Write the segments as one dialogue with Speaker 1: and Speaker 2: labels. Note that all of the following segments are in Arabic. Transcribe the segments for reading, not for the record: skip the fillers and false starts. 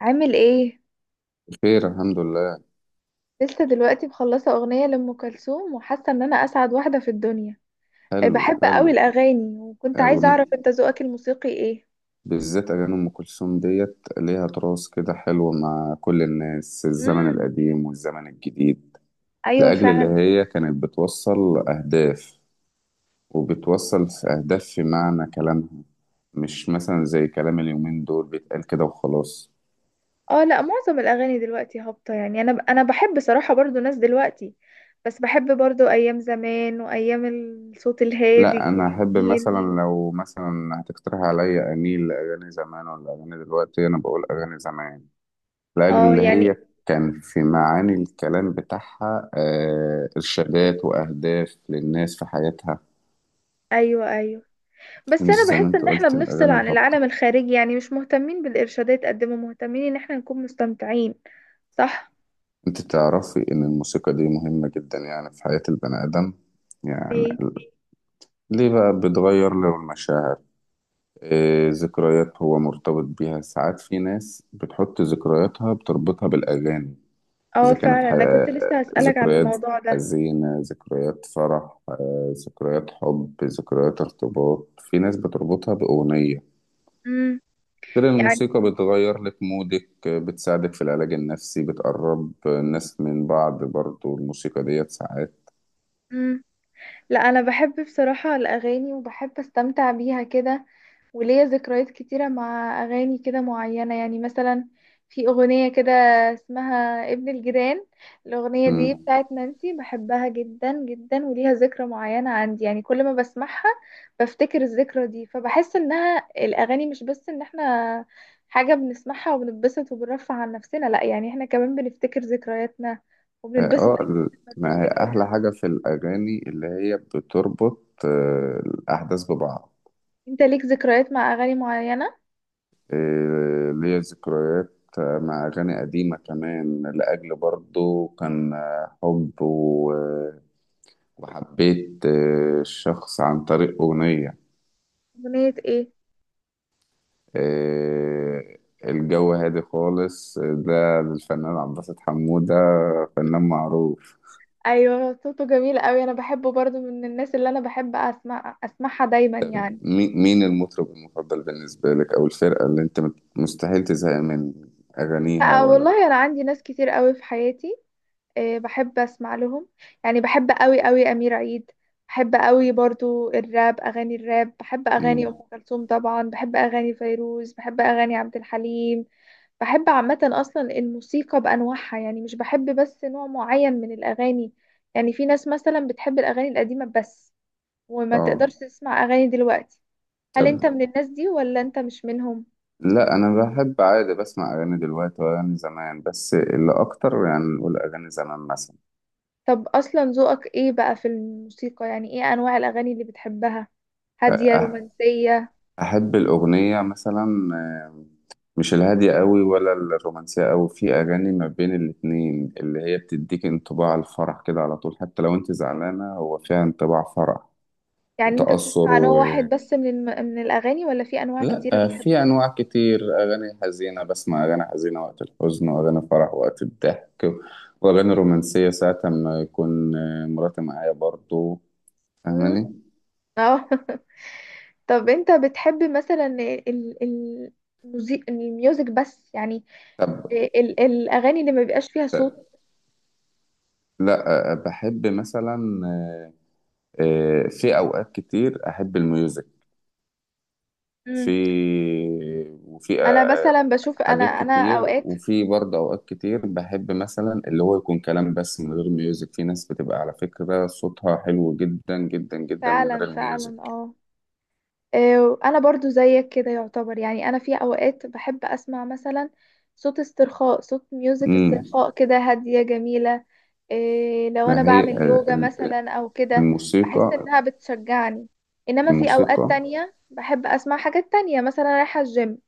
Speaker 1: عامل ايه؟
Speaker 2: بخير، الحمد لله.
Speaker 1: لسه دلوقتي مخلصه اغنيه لام كلثوم وحاسه ان انا اسعد واحده في الدنيا. إيه،
Speaker 2: حلو
Speaker 1: بحب قوي
Speaker 2: حلو.
Speaker 1: الاغاني وكنت عايزه
Speaker 2: أغنى.
Speaker 1: اعرف انت ذوقك الموسيقي ايه؟
Speaker 2: بالذات أغاني أم كلثوم ديت ليها تراث كده حلو، مع كل الناس، الزمن
Speaker 1: امم،
Speaker 2: القديم والزمن الجديد.
Speaker 1: ايوه
Speaker 2: لأجل اللي
Speaker 1: فعلا.
Speaker 2: هي كانت بتوصل أهداف، وبتوصل في أهداف في معنى كلامها. مش مثلا زي كلام اليومين دول، بيتقال كده وخلاص.
Speaker 1: اه، لا معظم الاغاني دلوقتي هابطه، يعني انا بحب صراحه برضو ناس دلوقتي، بس بحب برضو ايام زمان وايام الصوت
Speaker 2: لا،
Speaker 1: الهادي
Speaker 2: أنا أحب
Speaker 1: الجميل.
Speaker 2: مثلا، لو مثلا هتقترح عليا أميل لأغاني زمان ولا أغاني دلوقتي، أنا بقول أغاني زمان. الأجل
Speaker 1: اه
Speaker 2: اللي هي
Speaker 1: يعني،
Speaker 2: كان في معاني الكلام بتاعها، إرشادات وأهداف للناس في حياتها.
Speaker 1: ايوه ايوه. بس
Speaker 2: مش
Speaker 1: انا
Speaker 2: زي ما
Speaker 1: بحس
Speaker 2: أنت
Speaker 1: ان احنا
Speaker 2: قلت
Speaker 1: بنفصل
Speaker 2: الأغاني
Speaker 1: عن
Speaker 2: الهابطة.
Speaker 1: العالم الخارجي، يعني مش مهتمين بالارشادات قد ما مهتمين ان احنا نكون مستمتعين. صح.
Speaker 2: أنت تعرفي إن الموسيقى دي مهمة جدا يعني في حياة البني آدم. يعني
Speaker 1: ليه؟
Speaker 2: ليه بقى، بتغير له المشاعر. ذكريات هو مرتبط بيها ساعات، في ناس بتحط ذكرياتها بتربطها بالأغاني.
Speaker 1: اه
Speaker 2: إذا كانت
Speaker 1: فعلا، انا كنت لسه هسألك عن
Speaker 2: ذكريات
Speaker 1: الموضوع ده.
Speaker 2: حزينة، ذكريات فرح، ذكريات حب، ذكريات ارتباط، في ناس بتربطها بأغنية.
Speaker 1: امم
Speaker 2: غير إن
Speaker 1: يعني،
Speaker 2: الموسيقى بتغير لك مودك، بتساعدك في العلاج النفسي، بتقرب الناس من بعض، برضو الموسيقى ديت ساعات.
Speaker 1: امم، لا انا بحب بصراحة الاغاني وبحب استمتع بيها كده، وليا ذكريات كتيرة مع أغاني كده معينة، يعني مثلا في أغنية كده اسمها ابن الجيران. الأغنية دي
Speaker 2: مم.
Speaker 1: بتاعت نانسي، بحبها جدا جدا وليها ذكرى معينة عندي، يعني كل ما بسمعها بفتكر الذكرى دي، فبحس إنها الأغاني مش بس إن احنا حاجة بنسمعها وبنتبسط وبنرفع عن نفسنا، لأ يعني احنا كمان بنفتكر ذكرياتنا
Speaker 2: اه
Speaker 1: وبنتبسط
Speaker 2: آه،
Speaker 1: أكيد
Speaker 2: ال-
Speaker 1: لما
Speaker 2: ما هي أحلى
Speaker 1: بنفتكرها.
Speaker 2: حاجة في الأغاني اللي هي بتربط الأحداث ببعض.
Speaker 1: انت ليك ذكريات مع أغاني معينة؟
Speaker 2: إيه، ليا ذكريات مع أغاني قديمة كمان، لأجل برضو كان حب وحبيت الشخص عن طريق أغنية.
Speaker 1: أغنية ايه؟
Speaker 2: إيه، الجو هادي خالص ده للفنان عبد الباسط حمودة، فنان معروف.
Speaker 1: ايوه صوته جميل قوي، انا بحبه برضو، من الناس اللي انا بحب اسمع اسمعها دايما يعني.
Speaker 2: مين المطرب المفضل بالنسبة لك، أو الفرقة اللي أنت مستحيل تزهق من أغانيها،
Speaker 1: لا
Speaker 2: ولا؟
Speaker 1: والله انا عندي ناس كتير قوي في حياتي، بحب اسمع لهم. يعني بحب قوي قوي امير عيد، بحب قوي برضو الراب، اغاني الراب، بحب اغاني ام
Speaker 2: مم.
Speaker 1: كلثوم طبعا، بحب اغاني فيروز، بحب اغاني عبد الحليم. بحب عامه اصلا الموسيقى بانواعها، يعني مش بحب بس نوع معين من الاغاني. يعني في ناس مثلا بتحب الاغاني القديمه بس وما
Speaker 2: اه،
Speaker 1: تقدرش تسمع اغاني دلوقتي. هل انت
Speaker 2: طب،
Speaker 1: من الناس دي ولا انت مش منهم؟
Speaker 2: لا انا بحب عادي، بسمع اغاني دلوقتي واغاني زمان، بس اللي اكتر يعني نقول اغاني زمان مثلا.
Speaker 1: طب اصلا ذوقك ايه بقى في الموسيقى؟ يعني ايه انواع الاغاني اللي بتحبها، هادية
Speaker 2: أه-
Speaker 1: رومانسية؟
Speaker 2: احب الاغنيه مثلا، مش الهاديه قوي ولا الرومانسيه قوي، في اغاني ما بين الاتنين، اللي هي بتديك انطباع الفرح كده على طول، حتى لو انت زعلانه هو فيها انطباع فرح
Speaker 1: يعني انت
Speaker 2: وتاثر.
Speaker 1: بتسمع نوع واحد بس من الاغاني، ولا في انواع
Speaker 2: لا،
Speaker 1: كتيرة بتحب
Speaker 2: في
Speaker 1: تسمع؟
Speaker 2: انواع كتير، اغاني حزينه بسمع اغاني حزينه وقت الحزن، واغاني فرح وقت الضحك، واغاني رومانسيه ساعه ما يكون مراتي معايا برضو،
Speaker 1: مم.
Speaker 2: فاهماني؟
Speaker 1: اه. طب انت بتحب مثلا ال... الميوزك بس يعني،
Speaker 2: طب،
Speaker 1: الاغاني اللي ما بيبقاش فيها صوت.
Speaker 2: لا، بحب مثلا، في اوقات كتير احب الميوزك. في
Speaker 1: مم.
Speaker 2: وفي
Speaker 1: انا مثلا بشوف، انا
Speaker 2: حاجات
Speaker 1: انا
Speaker 2: كتير،
Speaker 1: اوقات.
Speaker 2: وفي برضه اوقات كتير بحب مثلا اللي هو يكون كلام بس من غير ميوزك، في ناس بتبقى على فكره صوتها حلو جدا جدا جدا من غير
Speaker 1: فعلا فعلا
Speaker 2: الميوزك.
Speaker 1: اه. انا برضو زيك كده يعتبر، يعني انا في اوقات بحب اسمع مثلا صوت استرخاء، صوت ميوزك
Speaker 2: امم.
Speaker 1: استرخاء كده هادية جميلة. إيه، لو انا
Speaker 2: ما هي
Speaker 1: بعمل يوجا مثلا او كده بحس
Speaker 2: الموسيقى
Speaker 1: انها بتشجعني. انما في اوقات
Speaker 2: الموسيقى
Speaker 1: تانية بحب اسمع حاجات تانية، مثلا رايحة الجيم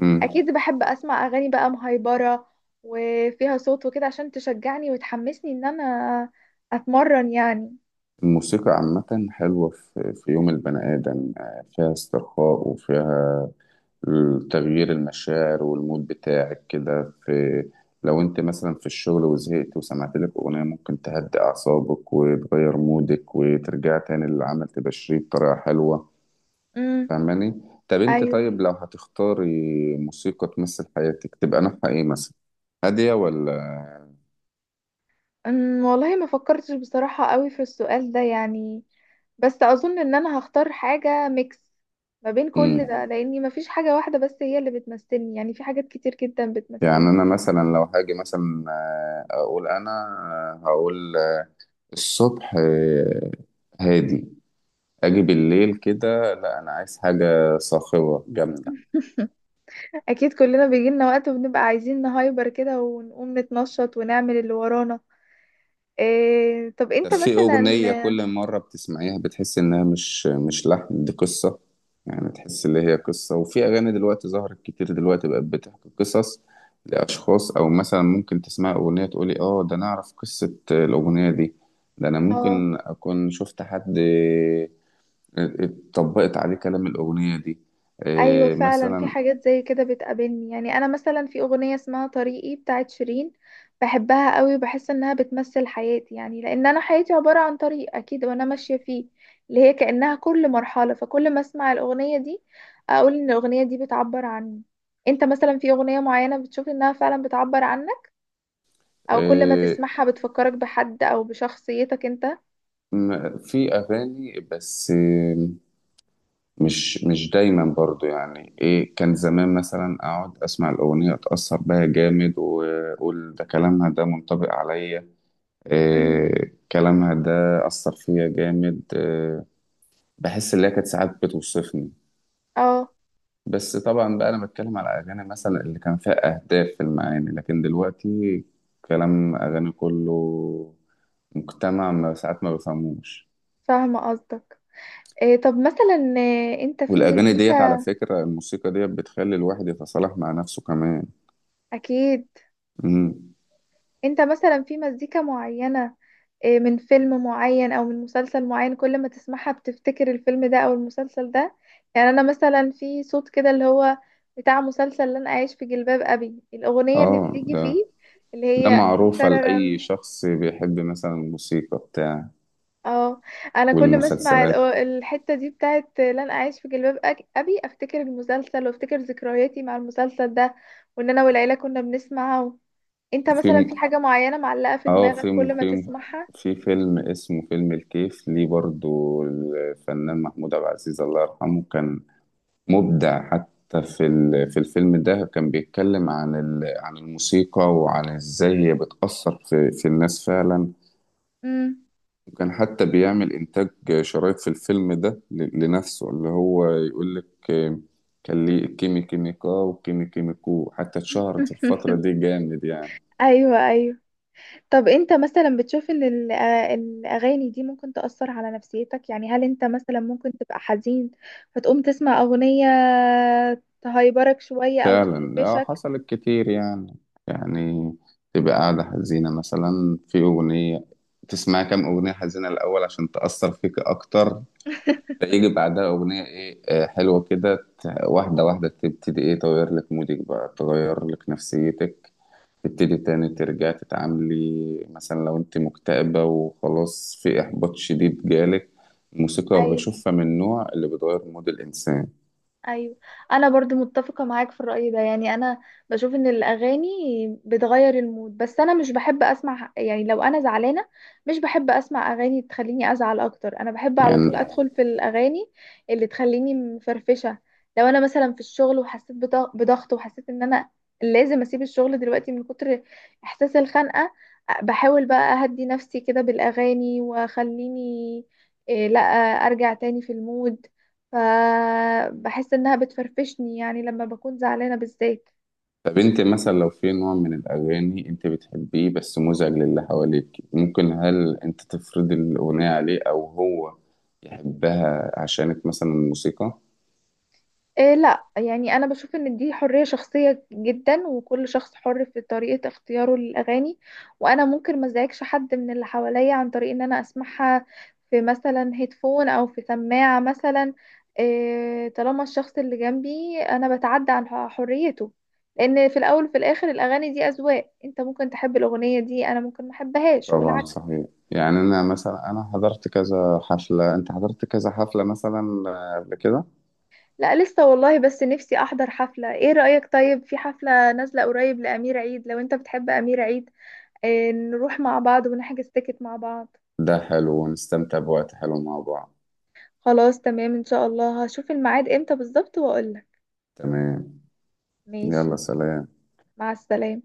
Speaker 2: امم
Speaker 1: اكيد بحب اسمع اغاني بقى مهيبرة وفيها صوت وكده، عشان تشجعني وتحمسني ان انا اتمرن يعني.
Speaker 2: الموسيقى. عامة حلوة، في يوم البني آدم، فيها استرخاء، وفيها تغيير المشاعر والمود بتاعك كده في. لو انت مثلا في الشغل وزهقت وسمعت لك أغنية، ممكن تهدي أعصابك وتغير مودك وترجع تاني للعمل تبشريه بطريقة حلوة.
Speaker 1: امم،
Speaker 2: فاهماني؟ طب انت
Speaker 1: ايوه.
Speaker 2: طيب، لو هتختاري موسيقى تمثل حياتك تبقى نوعها ايه مثلا؟ هادية ولا؟
Speaker 1: والله ما فكرتش بصراحة قوي في السؤال ده، يعني بس أظن إن أنا هختار حاجة ميكس ما بين كل ده،
Speaker 2: امم،
Speaker 1: لأني ما فيش حاجة واحدة بس هي اللي بتمثلني، يعني في حاجات كتير جدا
Speaker 2: يعني
Speaker 1: بتمثلني.
Speaker 2: انا مثلا لو هاجي مثلا، اقول انا، هقول الصبح هادي، اجي بالليل كده لا انا عايز حاجه صاخبه جامده.
Speaker 1: أكيد كلنا بيجيلنا وقت وبنبقى عايزين نهايبر كده، ونقوم نتنشط ونعمل اللي ورانا. إيه طب
Speaker 2: طب،
Speaker 1: أنت
Speaker 2: في اغنيه
Speaker 1: مثلا.
Speaker 2: كل مره بتسمعيها بتحس انها مش لحن، دي قصه. يعني تحس اللي هي قصه، وفي اغاني دلوقتي ظهرت كتير، دلوقتي بقت بتحكي قصص لاشخاص، او مثلا ممكن تسمع اغنيه تقولي اه، ده انا اعرف قصه الاغنيه دي، ده انا
Speaker 1: اه
Speaker 2: ممكن اكون شفت حد اتطبقت عليه كلام الأغنية دي،
Speaker 1: ايوه فعلا، في
Speaker 2: مثلا.
Speaker 1: حاجات زي كده بتقابلني، يعني انا مثلا في اغنيه اسمها طريقي بتاعت شيرين، بحبها قوي وبحس انها بتمثل حياتي، يعني لان انا حياتي عباره عن طريق اكيد وانا ماشيه فيه، اللي هي كانها كل مرحله، فكل ما اسمع الاغنيه دي اقول ان الاغنيه دي بتعبر عني. انت مثلا في اغنيه معينه بتشوف انها فعلا بتعبر عنك، او كل ما
Speaker 2: آه،
Speaker 1: تسمعها بتفكرك بحد او بشخصيتك انت؟
Speaker 2: في أغاني بس، مش دايما برضو. يعني إيه كان زمان مثلا، أقعد أسمع الأغنية أتأثر بها جامد، وأقول ده كلامها ده منطبق عليا،
Speaker 1: امم،
Speaker 2: كلامها ده أثر فيا جامد. بحس إن هي كانت ساعات بتوصفني.
Speaker 1: اه،
Speaker 2: بس طبعا بقى انا بتكلم على اغاني مثلا اللي كان فيها اهداف في المعاني، لكن دلوقتي كلام اغاني كله، مجتمع ما ساعات ما بفهموش.
Speaker 1: فاهمه قصدك. إيه طب مثلا، انت في
Speaker 2: والاغاني ديت، على
Speaker 1: مزيكا
Speaker 2: فكرة الموسيقى ديت بتخلي الواحد يتصالح مع نفسه كمان.
Speaker 1: اكيد،
Speaker 2: امم.
Speaker 1: انت مثلا في مزيكا معينة من فيلم معين او من مسلسل معين، كل ما تسمعها بتفتكر الفيلم ده او المسلسل ده. يعني انا مثلا في صوت كده اللي هو بتاع مسلسل لن اعيش في جلباب ابي، الاغنية اللي
Speaker 2: اه،
Speaker 1: بتيجي
Speaker 2: ده
Speaker 1: فيه اللي
Speaker 2: ده
Speaker 1: هي
Speaker 2: معروفة لأي
Speaker 1: تررن.
Speaker 2: شخص بيحب مثلا الموسيقى بتاع
Speaker 1: اه، انا كل ما اسمع
Speaker 2: والمسلسلات.
Speaker 1: الحتة دي بتاعت لن اعيش في جلباب ابي، افتكر المسلسل وافتكر ذكرياتي مع المسلسل ده، وان انا والعيلة كنا بنسمعه. انت
Speaker 2: في
Speaker 1: مثلا في
Speaker 2: م-
Speaker 1: حاجة معينة معلقة في
Speaker 2: اه
Speaker 1: دماغك
Speaker 2: في
Speaker 1: كل ما
Speaker 2: في
Speaker 1: تسمعها؟
Speaker 2: في فيلم اسمه فيلم الكيف ليه، برضو الفنان محمود عبد العزيز الله يرحمه كان مبدع. حتى في الفيلم ده كان بيتكلم عن الموسيقى، وعن ازاي هي بتأثر في الناس فعلا.
Speaker 1: امم.
Speaker 2: وكان حتى بيعمل إنتاج شرايط في الفيلم ده لنفسه، اللي هو يقول لك. كان ليه كيمي كيميكا وكيمي كيميكو، حتى اتشهرت في الفترة دي جامد يعني.
Speaker 1: ايوه ايوه. طب انت مثلا بتشوف ان الاغاني دي ممكن تأثر على نفسيتك، يعني هل انت مثلا ممكن تبقى حزين فتقوم تسمع اغنية تهيبرك شوية او
Speaker 2: فعلا، اه
Speaker 1: تفرفشك؟
Speaker 2: حصلت كتير يعني تبقى قاعدة حزينة مثلا في أغنية، تسمع كام أغنية حزينة الأول عشان تأثر فيك أكتر. فيجي بعدها أغنية إيه حلوة كده، واحدة واحدة تبتدي إيه تغير لك مودك بقى، تغير لك نفسيتك. تبتدي تاني ترجع تتعاملي مثلا، لو أنت مكتئبة وخلاص في إحباط شديد جالك. الموسيقى
Speaker 1: ايوه
Speaker 2: بشوفها من النوع اللي بتغير مود الإنسان.
Speaker 1: ايوه، انا برضو متفقه معاك في الراي ده، يعني انا بشوف ان الاغاني بتغير المود، بس انا مش بحب اسمع، يعني لو انا زعلانه مش بحب اسمع اغاني تخليني ازعل اكتر، انا بحب على طول
Speaker 2: يعني،
Speaker 1: ادخل في الاغاني اللي تخليني مفرفشه. لو انا مثلا في الشغل وحسيت بضغط، وحسيت ان انا لازم اسيب الشغل دلوقتي من كتر احساس الخنقه، بحاول بقى اهدي نفسي كده بالاغاني واخليني، إيه، لا ارجع تاني في المود. فبحس انها بتفرفشني، يعني لما بكون زعلانة بالذات.
Speaker 2: طب أنت مثلا لو في نوع من الأغاني أنت بتحبيه بس مزعج للي حواليك، ممكن هل أنت تفرضي الأغنية عليه، أو هو يحبها عشانك مثلا، الموسيقى؟
Speaker 1: إيه لا يعني، انا بشوف ان دي حرية شخصية جدا، وكل شخص حر في طريقة اختياره للاغاني، وانا ممكن ما ازعجش حد من اللي حواليا عن طريق ان انا اسمعها في مثلا هيدفون او في سماعة مثلا. إيه طالما الشخص اللي جنبي انا بتعدى عن حريته، لان في الاول وفي الاخر الاغاني دي اذواق، انت ممكن تحب الاغنية دي انا ممكن ما احبهاش
Speaker 2: طبعا
Speaker 1: والعكس.
Speaker 2: صحيح، يعني انا مثلا، انا حضرت كذا حفلة، انت حضرت كذا حفلة مثلا، قبل كده.
Speaker 1: لا لسه والله، بس نفسي احضر حفلة. ايه رأيك طيب في حفلة نازلة قريب لأمير عيد لو انت بتحب أمير عيد، نروح مع بعض ونحجز تيكت مع بعض؟
Speaker 2: ده حلو، ونستمتع بوقت حلو مع بعض.
Speaker 1: خلاص تمام، ان شاء الله هشوف الميعاد امتى بالظبط واقولك.
Speaker 2: تمام.
Speaker 1: ماشي.
Speaker 2: يلا، سلام.
Speaker 1: مع السلامة.